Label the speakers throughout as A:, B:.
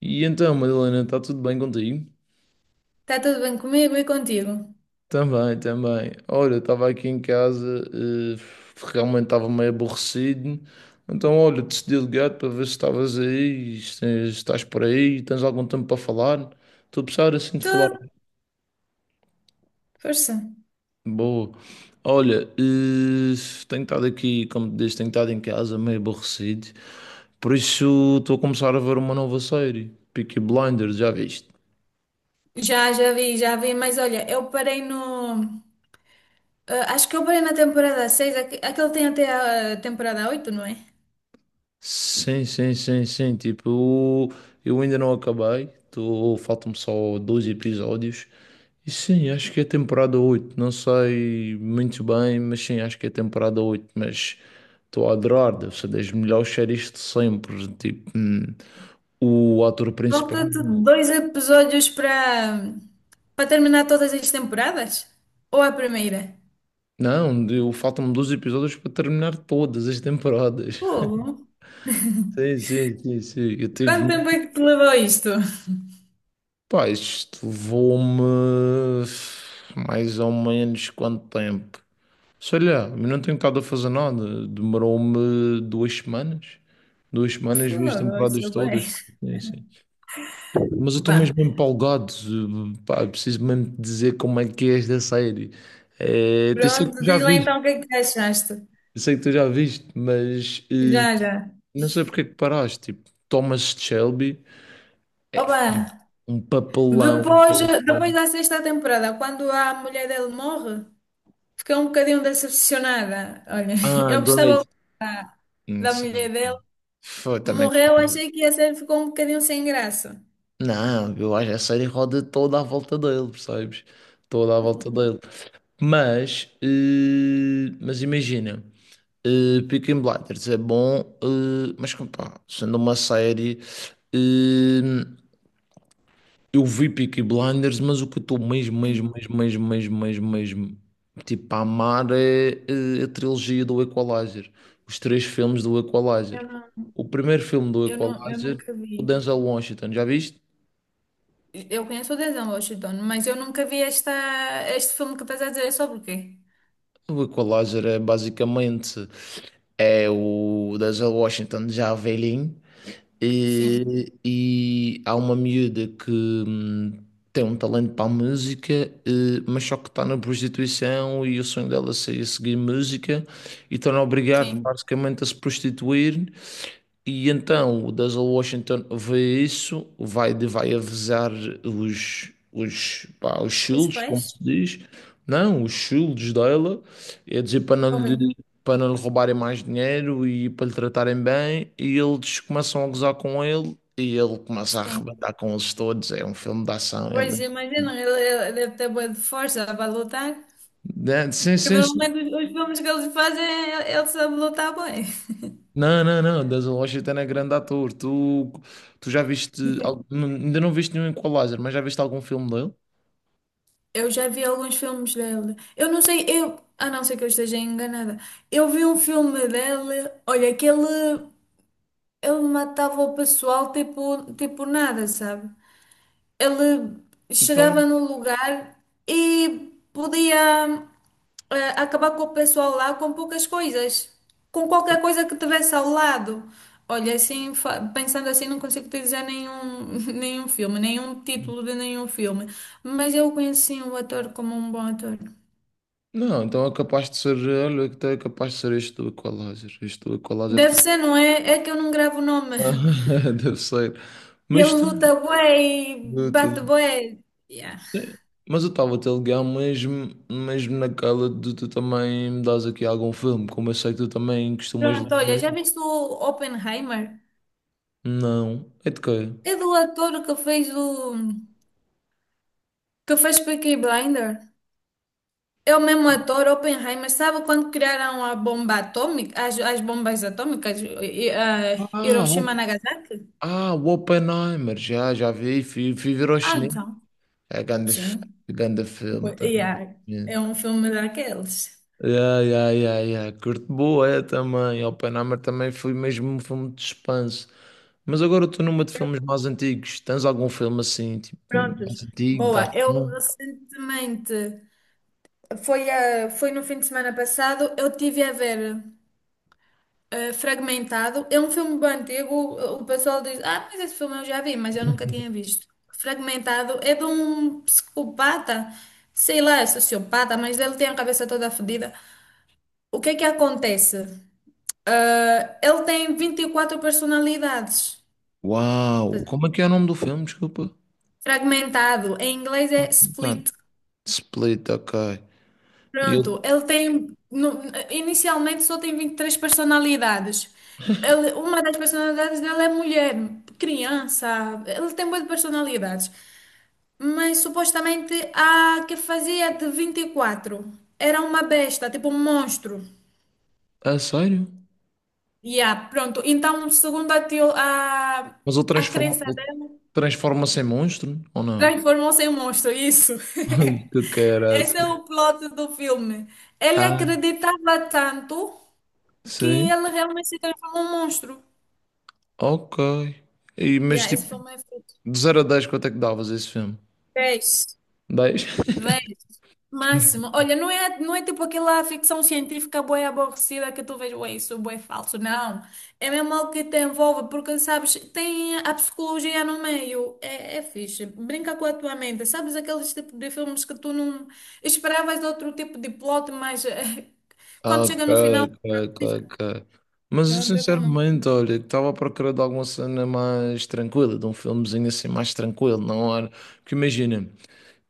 A: E então, Madalena, está tudo bem contigo?
B: Está tudo bem comigo e contigo?
A: Também, também. Olha, estava aqui em casa, realmente estava meio aborrecido. Então, olha, decidi ligar para ver se estavas aí, se estás por aí, tens algum tempo para falar. Estou a precisar assim de falar.
B: Tudo, força.
A: Boa. Olha, tenho estado aqui, como te disse, tenho estado em casa meio aborrecido. Por isso, estou a começar a ver uma nova série, Peaky Blinders, já viste?
B: Já vi, mas olha, eu parei no. ah, acho que eu parei na temporada 6 aquele tem até a temporada oito, não é?
A: Sim, sim, sim, sim. Tipo, eu ainda não acabei. Tô, faltam-me só dois episódios. E sim, acho que é temporada oito. Não sei muito bem, mas sim, acho que é temporada oito. Mas estou a adorar. Deve ser das melhores séries de sempre. Tipo, o ator principal.
B: Falta-te dois episódios para terminar todas as temporadas? Ou a primeira?
A: Não, eu faltam-me dois episódios para terminar todas as temporadas.
B: Fogo.
A: Sim, sim, sim, sim. Eu tive.
B: Quanto tempo é que te levou isto?
A: Pá, isto levou-me mais ou menos quanto tempo? Sei lá, eu não tenho estado a fazer nada. Demorou-me 2 semanas. 2 semanas, vi as
B: Fogo,
A: temporadas
B: isso bem.
A: todas. Sim, sim. Mas eu estou
B: Bah,
A: mesmo empolgado. Pá, eu preciso mesmo te dizer como é que é esta série. É, eu sei que tu
B: pronto,
A: já
B: diz lá
A: viste,
B: então o que é que achaste.
A: eu sei que tu já viste, mas
B: Já, já.
A: não sei porque é que paraste. Tipo, Thomas Shelby é
B: Oba!
A: um papelão.
B: Depois, depois da sexta temporada, quando a mulher dele morre, fiquei um bocadinho decepcionada. Olha,
A: Ah,
B: eu gostava
A: great.
B: da, da mulher dele.
A: Foi, também
B: Morreu,
A: gostava.
B: achei que a série ficou um bocadinho sem graça.
A: Não, eu acho que a série roda toda à volta dele, percebes? Toda à volta dele. Mas imagina, Peaky Blinders é bom, mas como pá, sendo uma série, eh, eu vi Peaky Blinders, mas o que eu estou mesmo, mesmo,
B: Sim,
A: mesmo, mesmo, mesmo, mesmo, mesmo, tipo, a amar é, a trilogia do Equalizer, os três filmes do
B: eu
A: Equalizer.
B: não,
A: O primeiro filme do
B: eu não, eu
A: Equalizer,
B: nunca
A: o
B: vi.
A: Denzel Washington, já viste?
B: Eu conheço o Denzel Washington, mas eu nunca vi este filme que estás a dizer. É sobre o quê?
A: O Equalizer é basicamente o Denzel Washington já velhinho
B: Sim,
A: e há uma miúda que hum, tem um talento para a música, mas só que está na prostituição e o sonho dela seria seguir música e estão a obrigar
B: sim.
A: basicamente a se prostituir e então o Denzel Washington vê isso, vai avisar os
B: Os
A: shields,
B: pais?
A: como se diz, não, os shields dela, é dizer para não lhe,
B: Horrível.
A: para não lhe roubarem mais dinheiro e para lhe tratarem bem, e eles começam a gozar com ele e ele começa a
B: Sim.
A: arrebentar com eles todos. É um filme de ação, é
B: Pois
A: lindo.
B: imagina, ele ele deve ter boa de força para lutar.
A: Né? Sim,
B: Que
A: sim, sim.
B: normalmente os filmes que eles fazem, ele sabe lutar bem.
A: Não, não, não, Denzel Washington é grande ator. Tu já viste, ainda não viste nenhum Equalizer, mas já viste algum filme dele?
B: Eu já vi alguns filmes dele. Eu não sei, eu, a não ser que eu esteja enganada. Eu vi um filme dele, olha, que ele matava o pessoal tipo nada, sabe? Ele
A: Então,
B: chegava no lugar e podia acabar com o pessoal lá com poucas coisas, com qualquer coisa que tivesse ao lado. Olha, assim, pensando assim, não consigo te dizer nenhum, nenhum filme, nenhum título de nenhum filme, mas eu conheci o ator como um bom ator.
A: não, então é capaz de ser, olha, então é capaz de ser este do Equalizer. Este do Equalizer
B: Deve
A: tá.
B: ser, não é? É que eu não gravo o nome.
A: Deve ser.
B: Ele
A: Mas tudo,
B: luta bué e
A: tudo.
B: bate bué. Yeah.
A: Sim. Mas eu estava a te ligar mesmo, mesmo naquela de tu também me dás aqui algum filme, como eu sei que tu também costumas
B: Pronto, olha,
A: ler.
B: já viste o Oppenheimer?
A: Não. É de quê?
B: É do ator que fez o. Que fez Peaky Blinder. É o mesmo ator, Oppenheimer. Sabe quando criaram a bomba atômica, as bombas atômicas,
A: Ah,
B: Hiroshima e
A: o,
B: Nagasaki?
A: ah, o Oppenheimer, já vi, fui ver ao
B: Ah,
A: cinema.
B: então.
A: É grande,
B: Sim.
A: grande filme também.
B: Yeah. É um filme daqueles.
A: Yeah, yeah, yeah, yeah. Curto boé também. Oppenheimer também foi mesmo um filme de suspense. Mas agora eu estou numa de
B: Eu-
A: filmes mais antigos. Tens algum filme assim, tipo,
B: Prontos.
A: mais antigo, da
B: Boa. Eu
A: ação?
B: recentemente, foi, a Foi no fim de semana passado, eu tive a ver Fragmentado. É um filme bem antigo. O pessoal diz: Ah, mas esse filme eu já vi, mas eu nunca tinha visto. Fragmentado é de um psicopata, sei lá, é sociopata, mas ele tem a cabeça toda fodida. O que é que acontece? Ah, ele tem 24 personalidades.
A: Uau! Como é que é o nome do filme? Desculpa.
B: Fragmentado, em inglês é
A: Tá.
B: split.
A: Split, ok. E
B: Pronto,
A: ele.
B: ele tem, no- inicialmente só tem 23 personalidades. Ele, uma das personalidades dele é mulher, criança, ele tem muitas personalidades. Mas supostamente a que fazia de 24 era uma besta, tipo um monstro.
A: Ah, sério?
B: Yeah, pronto, então segundo
A: Mas ele
B: a
A: transforma,
B: crença
A: ele
B: dela,
A: transforma-se em monstro? Ou não?
B: transformou-se em monstro, isso.
A: Ai, que
B: Esse é
A: caraças.
B: o plot do filme. Ele
A: Ah,
B: acreditava tanto que
A: sim.
B: ele realmente se transforma num monstro.
A: Ok. E, mas
B: Yeah,
A: tipo,
B: esse filme é feito.
A: de 0 a 10 quanto é que davas esse filme?
B: Vês,
A: 10.
B: vês, máximo. Olha, não é tipo aquela ficção científica bué aborrecida que tu vês, ué, isso é bué falso. Não. É mesmo algo que te envolve, porque, sabes, tem a psicologia no meio. É fixe. Brinca com a tua mente. Sabes aqueles tipo de filmes que tu não esperavas outro tipo de plot, mas
A: Ah,
B: quando
A: ok,
B: chega no final,
A: ok,
B: outra
A: ok,
B: coisa.
A: ok. Mas eu
B: Pronto, é como.
A: sinceramente, olha, estava à procura de alguma cena mais tranquila, de um filmezinho assim mais tranquilo, não era? Porque imagina,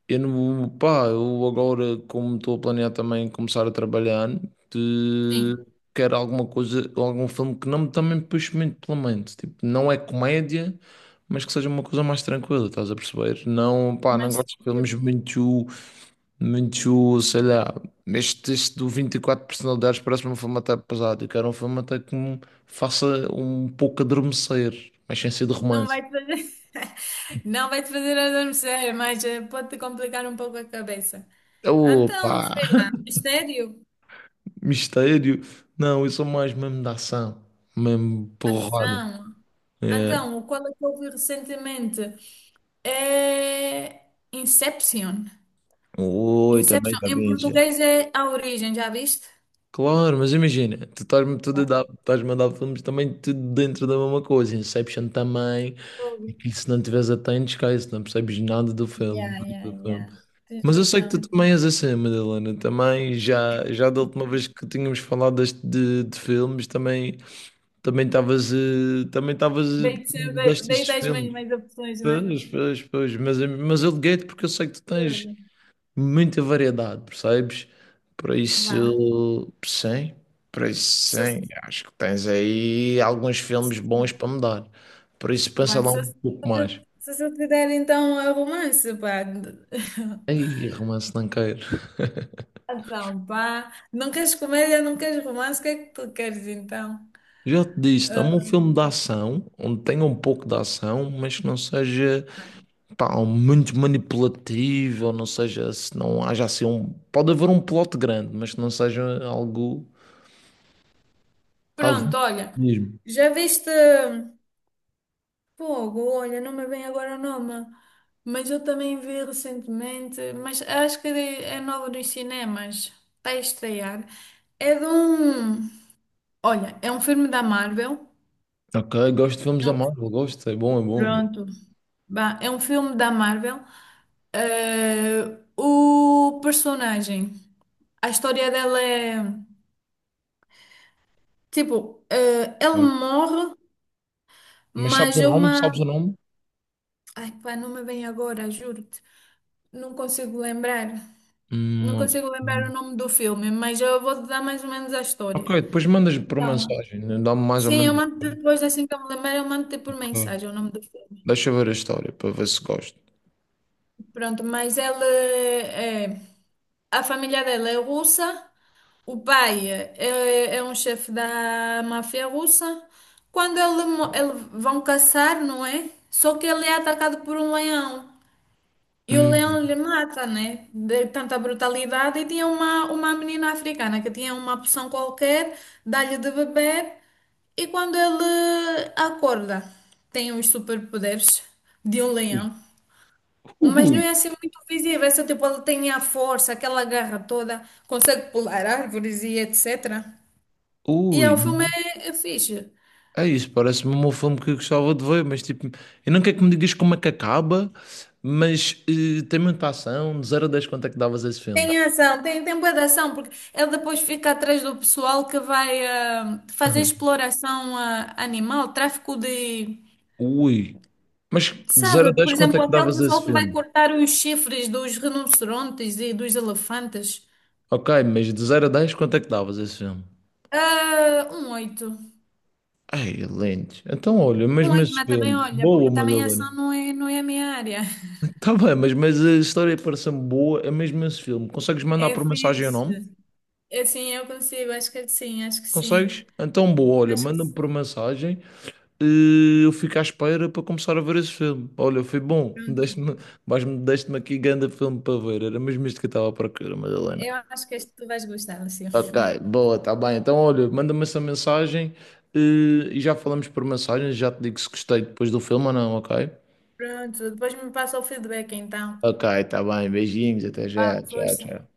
A: eu não, pá, eu agora, como estou a planear também começar a trabalhar,
B: Sim,
A: de- quero alguma coisa, algum filme que não me também puxe muito pela mente. Tipo, não é comédia, mas que seja uma coisa mais tranquila, estás a perceber? Não, pá, não
B: mas.
A: gosto de filmes muito muito, sei lá, este teste do 24 personalidades parece-me um filme até pesado. Eu quero um filme até que me faça um pouco adormecer, mas sem ser de
B: Não
A: romance.
B: vai te fazer, não vai te fazer adormecer, mas eh, pode-te complicar um pouco a cabeça. Então,
A: Opa,
B: sei lá, mistério,
A: mistério. Não, eu sou mais mesmo da ação, mesmo porrada.
B: ação.
A: É.
B: Então, o qual é que eu vi recentemente é Inception.
A: Oi, também
B: Inception,
A: já
B: em
A: vi.
B: português é A Origem, já viste?
A: Claro, mas imagina, tu
B: Não.
A: estás-me a dar filmes também tudo dentro da mesma coisa, Inception também,
B: Ouvi.
A: e se não tiveres atento, esquece, não percebes nada do filme,
B: Yeah,
A: nada
B: yeah,
A: do filme.
B: yeah. Tens
A: Mas eu sei que
B: razão.
A: tu também és assim, Madalena, também já da última vez que tínhamos falado deste, de filmes, também estavas
B: Dei-te
A: destes
B: as
A: filmes.
B: mesmas opções, não é?
A: Pois, pois, pois, mas eu liguei-te porque eu sei que tu tens,
B: Tudo.
A: muita variedade, percebes? Por
B: Vá.
A: isso, sim, por isso, sim,
B: Sucesso.
A: acho que tens aí alguns filmes bons para me dar. Por isso, pensa
B: Bem,
A: lá um pouco mais.
B: se eu te der então a romance, pá.
A: Ei, romance não quero.
B: Então, pá. Não queres comédia, não queres romance, o que é que tu queres então?
A: Já te disse,
B: Ah,
A: dá-me um filme de ação, onde tenha um pouco de ação, mas que não seja, pá, muito manipulativo, ou não seja, se não haja assim um... Pode haver um plot grande, mas que não seja algo
B: pronto, olha.
A: mesmo.
B: Já viste, fogo, olha, não me vem agora o nome. Mas eu também vi recentemente, mas acho que é novo nos cinemas. Está a estrear. É de um. Olha, é um filme da Marvel.
A: Ok, gosto de filmes
B: É
A: da
B: um-
A: Marvel, gosto, é bom, é bom, é bom.
B: Pronto. Bah, é um filme da Marvel. Eh, o personagem, a história dela é tipo, ele morre,
A: Mas sabes o
B: mas é
A: nome?
B: uma.
A: Sabes o nome?
B: Ai, pá, não me vem agora, juro-te. Não consigo lembrar. Não
A: Hum,
B: consigo lembrar o nome do filme, mas eu vou-te dar mais ou menos a
A: ok,
B: história.
A: depois mandas por
B: Então,
A: mensagem. Né? Dá-me mais ou
B: sim,
A: menos.
B: eu mando depois, assim que eu me lembrar, eu mando-te por
A: Ok.
B: mensagem o nome do filme.
A: Deixa eu ver a história para ver se gosto.
B: Pronto, mas a família dela é russa, é um chefe da máfia russa. Quando ele, ele vão caçar, não é? Só que ele é atacado por um leão. E o leão lhe
A: Hum.
B: mata, né? De tanta brutalidade. E tinha uma menina africana que tinha uma poção qualquer, dá-lhe de beber. E quando ele acorda, tem os superpoderes de um leão. Mas não
A: Ui,
B: é assim muito visível. É só tipo, ele tem a força, aquela garra toda, consegue pular árvores e etc. E é,
A: ui.
B: o filme é fixe.
A: É isso, parece-me um filme que eu gostava de ver, mas tipo, eu não quero que me digas como é que acaba, mas tem muita ação. De 0 a 10 quanto é que davas a esse filme?
B: Tem ação, tem bué de ação, porque ele depois fica atrás do pessoal que vai fazer exploração animal, tráfico de.
A: Ui. Mas de zero a
B: Sabe,
A: 10
B: por
A: quanto é
B: exemplo,
A: que
B: aquele
A: davas a esse
B: pessoal que vai
A: filme?
B: cortar os chifres dos rinocerontes e dos elefantes.
A: Ok, mas de 0 a 10 quanto é que davas a esse filme?
B: Ah, um oito.
A: Ai, lentes. Então, olha,
B: Um
A: mesmo
B: oito,
A: esse
B: mas também
A: filme.
B: olha,
A: Boa,
B: porque também
A: Madalena.
B: ação não é a minha área.
A: Tá bem, mas a história parece me boa, é mesmo esse filme. Consegues mandar
B: É
A: por mensagem o
B: fixe.
A: nome?
B: Eu, sim, eu consigo, acho que sim.
A: Consegues? Então, boa, olha,
B: Acho que
A: manda-me
B: sim.
A: por mensagem e eu fico à espera para começar a ver esse filme. Olha, foi bom.
B: Pronto.
A: Deste-me aqui grande filme para ver. Era mesmo isto que eu estava à procura, Madalena.
B: Eu acho que este tu vais gostar, Lucio.
A: Ok, boa, tá bem. Então, olha, manda-me essa mensagem eh, e já falamos por mensagem. Já te digo se gostei depois do filme ou não, ok?
B: Pronto, depois me passa o feedback então.
A: Ok, tá bem. Beijinhos, até
B: Vá,
A: já. Tchau,
B: força.
A: tchau.